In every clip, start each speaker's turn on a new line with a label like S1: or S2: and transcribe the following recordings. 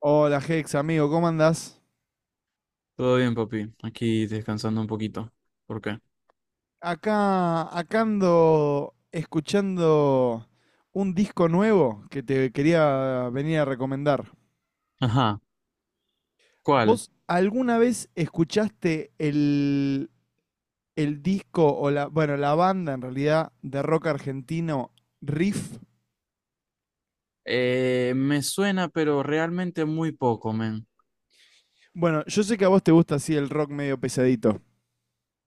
S1: Hola Hex, amigo, ¿cómo andás?
S2: Todo bien, papi. Aquí descansando un poquito. ¿Por qué?
S1: Acá ando escuchando un disco nuevo que te quería venir a recomendar.
S2: Ajá. ¿Cuál?
S1: ¿Vos alguna vez escuchaste el disco o la, bueno, la banda en realidad de rock argentino Riff?
S2: Me suena, pero realmente muy poco, men.
S1: Bueno, yo sé que a vos te gusta así el rock medio pesadito.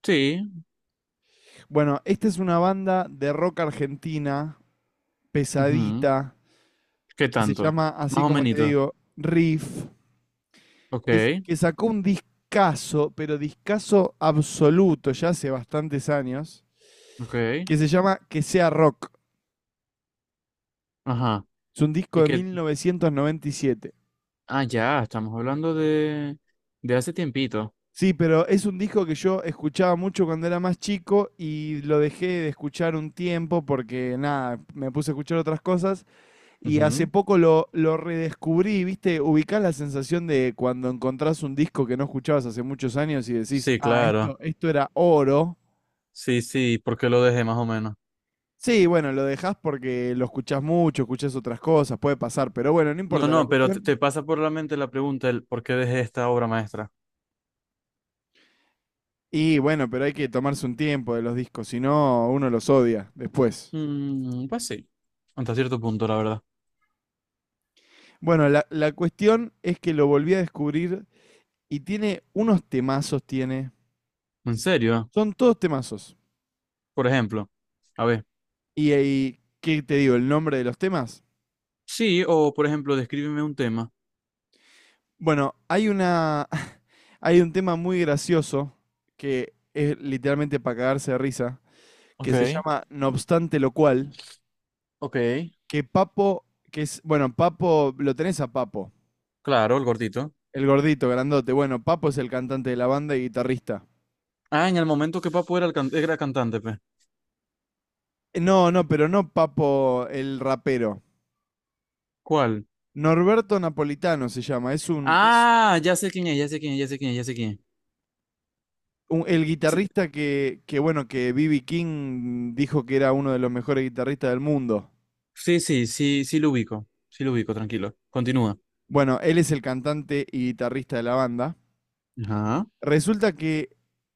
S2: Sí.
S1: Bueno, esta es una banda de rock argentina,
S2: Ujú.
S1: pesadita,
S2: ¿Qué
S1: que se
S2: tanto?
S1: llama, así
S2: Más o
S1: como te
S2: menos.
S1: digo, Riff.
S2: Ok,
S1: Que sacó un discazo, pero discazo absoluto ya hace bastantes años,
S2: ok.
S1: que se llama Que sea rock.
S2: Ajá.
S1: Es un disco
S2: ¿Y
S1: de
S2: qué?
S1: 1997.
S2: Ah, ya, estamos hablando de hace tiempito.
S1: Sí, pero es un disco que yo escuchaba mucho cuando era más chico y lo dejé de escuchar un tiempo porque nada, me puse a escuchar otras cosas y hace
S2: Ujú.
S1: poco lo redescubrí, ¿viste? Ubicás la sensación de cuando encontrás un disco que no escuchabas hace muchos años y decís,
S2: Sí,
S1: ah,
S2: claro.
S1: esto era oro.
S2: Sí, sí, ¿por qué lo dejé más o menos?
S1: Sí, bueno, lo dejás porque lo escuchás mucho, escuchás otras cosas, puede pasar, pero bueno, no
S2: No,
S1: importa la
S2: no, pero
S1: cuestión.
S2: te pasa por la mente la pregunta, el por qué dejé esta obra maestra.
S1: Y bueno, pero hay que tomarse un tiempo de los discos, si no, uno los odia después.
S2: Mm, pues sí, hasta cierto punto, la verdad.
S1: Bueno, la cuestión es que lo volví a descubrir y tiene unos temazos, tiene.
S2: ¿En serio?
S1: Son todos temazos.
S2: Por ejemplo, a ver,
S1: Y, ahí, ¿qué te digo? ¿El nombre de los temas?
S2: sí, o por ejemplo, descríbeme un tema.
S1: Bueno, hay una. Hay un tema muy gracioso que es literalmente para cagarse de risa, que se
S2: Ok,
S1: llama No obstante lo cual.
S2: ok,
S1: Que Papo, que es, bueno, Papo, lo tenés a Papo,
S2: claro, el gordito.
S1: el gordito, grandote. Bueno, Papo es el cantante de la banda y guitarrista.
S2: Ah, en el momento que Papo era, era cantante, pues.
S1: No, no, pero no Papo, el rapero.
S2: ¿Cuál?
S1: Norberto Napolitano se llama, es
S2: Ah, ya sé quién es, ya sé quién es, ya sé quién es, ya sé quién es.
S1: el
S2: Sí,
S1: guitarrista que B.B. King dijo que era uno de los mejores guitarristas del mundo.
S2: sí, sí, sí, sí lo ubico. Sí lo ubico, tranquilo. Continúa.
S1: Bueno, él es el cantante y guitarrista de la banda.
S2: Ajá.
S1: Resulta que,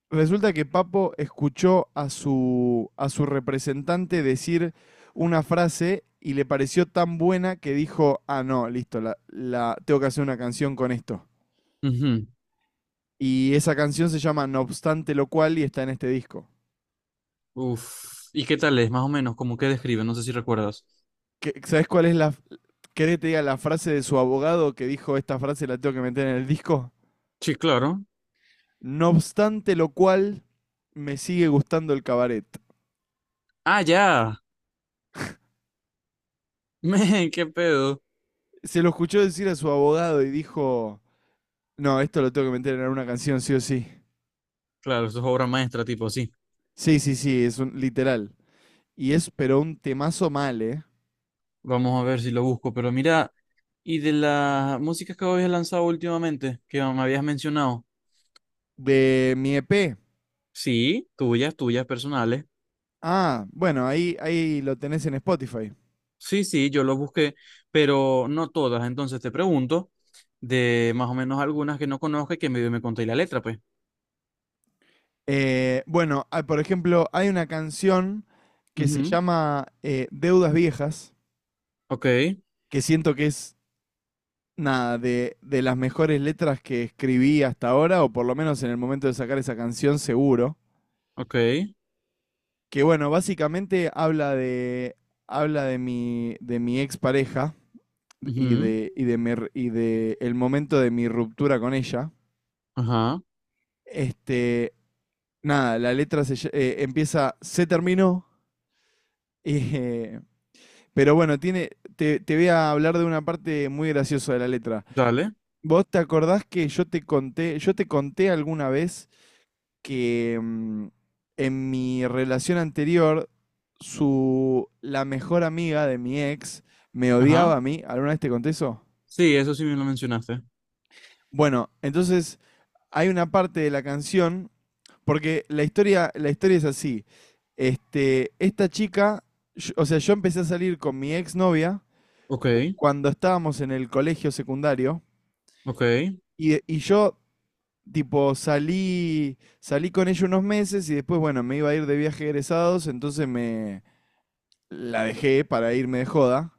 S1: resulta que Papo escuchó a a su representante decir una frase y le pareció tan buena que dijo, ah, no, listo, tengo que hacer una canción con esto.
S2: Ujú.
S1: Y esa canción se llama No obstante lo cual y está en este disco.
S2: Uf. ¿Y qué tal es? Más o menos, como que describe, no sé si recuerdas.
S1: ¿Qué- ¿Sabés cuál es querés que te diga la frase de su abogado que dijo esta frase la tengo que meter en el disco?
S2: Sí, claro.
S1: No obstante lo cual, me sigue gustando el cabaret.
S2: Ah, ya. Men, qué pedo.
S1: Se lo escuchó decir a su abogado y dijo, no, esto lo tengo que meter en una canción, sí o sí.
S2: Claro, eso es obra maestra, tipo así.
S1: Sí, sí, sí, es un literal. Y es, pero un temazo mal, ¿eh?
S2: Vamos a ver si lo busco, pero mira, y de las músicas que habías lanzado últimamente, que me habías mencionado,
S1: De mi EP.
S2: sí, tuyas, tuyas personales,
S1: Ah, bueno, ahí lo tenés en Spotify.
S2: sí, sí, yo lo busqué, pero no todas, entonces te pregunto de más o menos algunas que no conozco y que medio me conté la letra, pues.
S1: Bueno, ah, por ejemplo, hay una canción que se
S2: Ujú,
S1: llama Deudas Viejas,
S2: ok,
S1: que siento que es, nada, de las mejores letras que escribí hasta ahora, o por lo menos en el momento de sacar esa canción, seguro.
S2: ok,
S1: Que bueno, básicamente habla de mi expareja y
S2: ujú,
S1: y de el momento de mi ruptura con ella.
S2: ajá,
S1: Este, nada, la letra se, empieza, se terminó. eh, pero bueno, tiene, te voy a hablar de una parte muy graciosa de la letra.
S2: dale,
S1: ¿Vos te acordás que yo te conté alguna vez que en mi relación anterior, la mejor amiga de mi ex me
S2: ajá,
S1: odiaba a mí? ¿Alguna vez te conté eso?
S2: sí, eso sí me lo mencionaste,
S1: Bueno, entonces hay una parte de la canción, porque la historia es así. Este, esta chica, o sea, yo empecé a salir con mi exnovia
S2: ok,
S1: cuando estábamos en el colegio secundario
S2: ok,
S1: y yo, tipo, salí con ella unos meses y después, bueno, me iba a ir de viaje egresados, entonces me la dejé para irme de joda.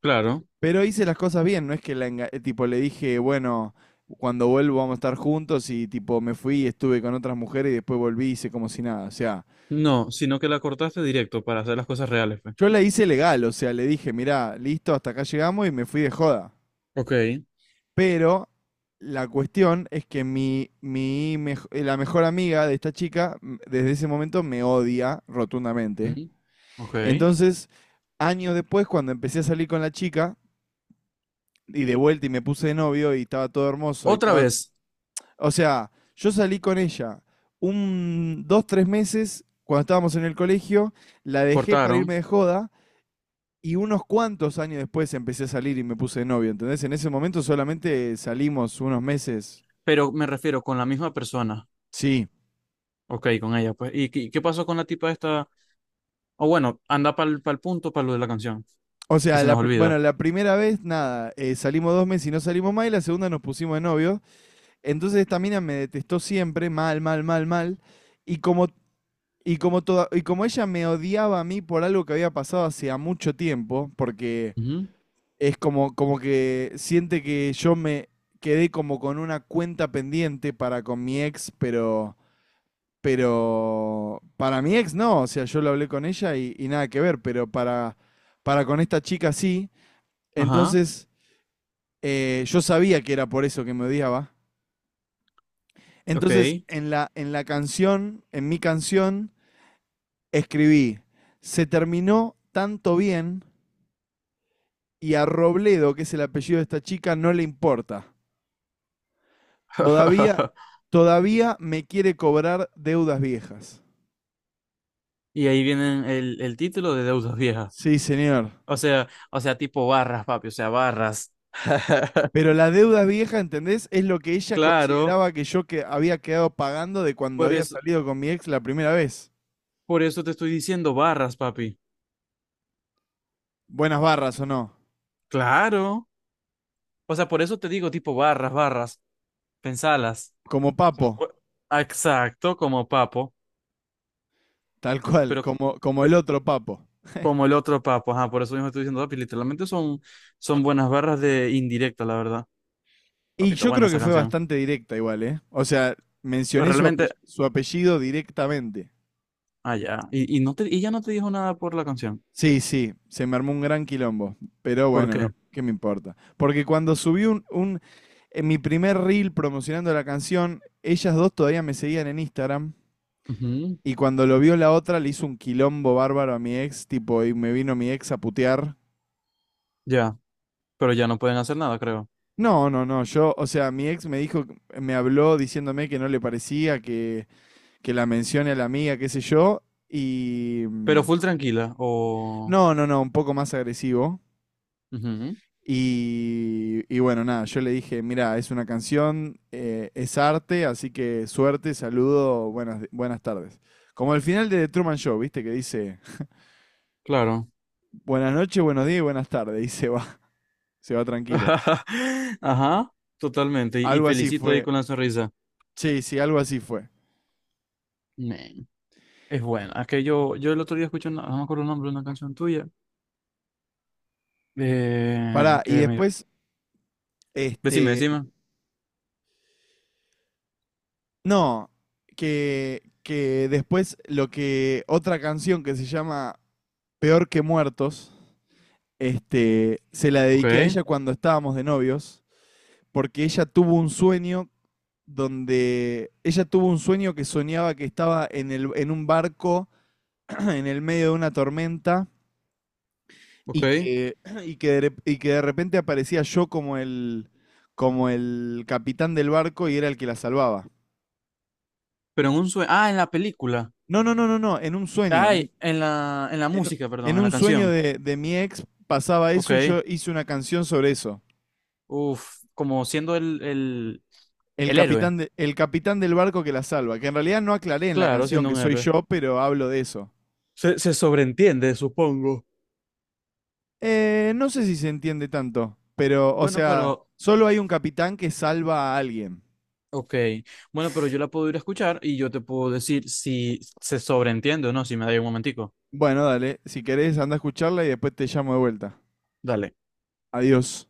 S2: claro,
S1: Pero hice las cosas bien, no es que la tipo le dije, bueno, cuando vuelvo vamos a estar juntos y tipo me fui y estuve con otras mujeres y después volví y hice como si nada. O sea,
S2: no, sino que la cortaste directo para hacer las cosas reales, pues.
S1: yo la hice legal, o sea, le dije, mirá, listo, hasta acá llegamos y me fui de joda.
S2: Ok.
S1: Pero la cuestión es que la mejor amiga de esta chica desde ese momento me odia rotundamente.
S2: Mm, ok.
S1: Entonces, años después, cuando empecé a salir con la chica y de vuelta y me puse de novio y estaba todo hermoso y
S2: Otra
S1: estaba.
S2: vez
S1: O sea, yo salí con ella un, dos, tres meses cuando estábamos en el colegio, la dejé para irme
S2: cortaron,
S1: de joda y unos cuantos años después empecé a salir y me puse de novio, ¿entendés? En ese momento solamente salimos unos meses.
S2: pero me refiero con la misma persona.
S1: Sí.
S2: Ok, con ella, pues. ¿Y qué, qué pasó con la tipa esta? O bueno, anda para el punto, para lo de la canción,
S1: O
S2: que
S1: sea,
S2: se nos
S1: bueno,
S2: olvida.
S1: la primera vez, nada, salimos dos meses y no salimos más, y la segunda nos pusimos de novio. Entonces esta mina me detestó siempre, mal, mal, mal, mal. Y como, y como ella me odiaba a mí por algo que había pasado hace mucho tiempo, porque
S2: Ujú,
S1: es como, como que siente que yo me quedé como con una cuenta pendiente para con mi ex, pero para mi ex no, o sea, yo lo hablé con ella y nada que ver, pero para con esta chica sí.
S2: ajá,
S1: Entonces, yo sabía que era por eso que me odiaba.
S2: ok.
S1: Entonces, en la canción, en mi canción, escribí, se terminó tanto bien y a Robledo, que es el apellido de esta chica, no le importa. Todavía, todavía me quiere cobrar deudas viejas.
S2: Y ahí vienen el título de Deudas Viejas.
S1: Sí, señor.
S2: O sea, tipo barras, papi, o sea, barras.
S1: Pero las deudas viejas, ¿entendés? Es lo que ella
S2: Claro,
S1: consideraba que yo que había quedado pagando de cuando
S2: por
S1: había
S2: eso,
S1: salido con mi ex la primera vez.
S2: por eso te estoy diciendo barras, papi.
S1: Buenas barras o no.
S2: Claro. O sea, por eso te digo tipo barras, barras. Pensalas.
S1: Como Papo,
S2: Como- Ah, exacto, como papo,
S1: tal cual,
S2: pero
S1: como, como el
S2: pe-
S1: otro Papo.
S2: como el otro papo, ajá, por eso mismo estoy diciendo, papi, literalmente son, son buenas barras de indirecta, la verdad.
S1: Y
S2: Papito,
S1: yo
S2: buena
S1: creo que
S2: esa
S1: fue
S2: canción.
S1: bastante directa igual, ¿eh? O sea,
S2: Pues
S1: mencioné
S2: realmente,
S1: su apellido directamente.
S2: ah, ya. Y no te, y ya no te dijo nada por la canción.
S1: Sí, sí, se me armó un gran quilombo, pero
S2: ¿Por
S1: bueno,
S2: qué?
S1: no, ¿qué me importa? Porque cuando subí en mi primer reel promocionando la canción, ellas dos todavía me seguían en Instagram
S2: Ujú,
S1: y cuando lo vio la otra le hizo un quilombo bárbaro a mi ex, tipo, y me vino mi ex a putear.
S2: ya, pero ya no pueden hacer nada, creo.
S1: No, no, no, yo, o sea, mi ex me dijo, me habló diciéndome que no le parecía que la mencione a la amiga, qué sé yo, y...
S2: Pero full tranquila, o...
S1: no, no, no, un poco más agresivo.
S2: Ujú,
S1: Y bueno, nada, yo le dije, mira, es una canción, es arte, así que suerte, saludo, buenas tardes. Como el final de The Truman Show, ¿viste? Que dice,
S2: claro.
S1: buenas noches, buenos días y buenas tardes, y se va, se va tranquilo.
S2: Ajá, totalmente. Y
S1: Algo así
S2: felicito ahí
S1: fue.
S2: con la sonrisa.
S1: Sí, sí, algo así fue.
S2: Man, es bueno. Es que yo el otro día escuché, no me acuerdo el nombre de una canción tuya.
S1: Pará, y
S2: Que me...
S1: después,
S2: Decime,
S1: este,
S2: decime.
S1: no, que después lo que, otra canción que se llama Peor que Muertos, este, se la
S2: Ok,
S1: dediqué a ella cuando estábamos de novios. Porque ella tuvo un sueño que soñaba que estaba en, el, en un barco en el medio de una tormenta y
S2: ok.
S1: que, y que de repente aparecía yo como como el capitán del barco y era el que la salvaba.
S2: Pero en un sueño. Ah, en la película.
S1: No, no, no, no, no, en un sueño.
S2: Ay, en en la
S1: En-
S2: música, perdón,
S1: en
S2: en la
S1: un sueño
S2: canción.
S1: de mi ex pasaba eso y
S2: Ok.
S1: yo hice una canción sobre eso.
S2: Uf, como siendo el héroe.
S1: El capitán del barco que la salva, que en realidad no aclaré en la
S2: Claro,
S1: canción
S2: siendo
S1: que
S2: un
S1: soy
S2: héroe.
S1: yo, pero hablo de eso.
S2: Se sobreentiende, supongo.
S1: No sé si se entiende tanto, pero, o
S2: Bueno,
S1: sea,
S2: pero.
S1: solo hay un capitán que salva a alguien.
S2: Ok. Bueno, pero yo la puedo ir a escuchar y yo te puedo decir si se sobreentiende o no, si me da un momentico.
S1: Bueno, dale, si querés, anda a escucharla y después te llamo de vuelta.
S2: Dale.
S1: Adiós.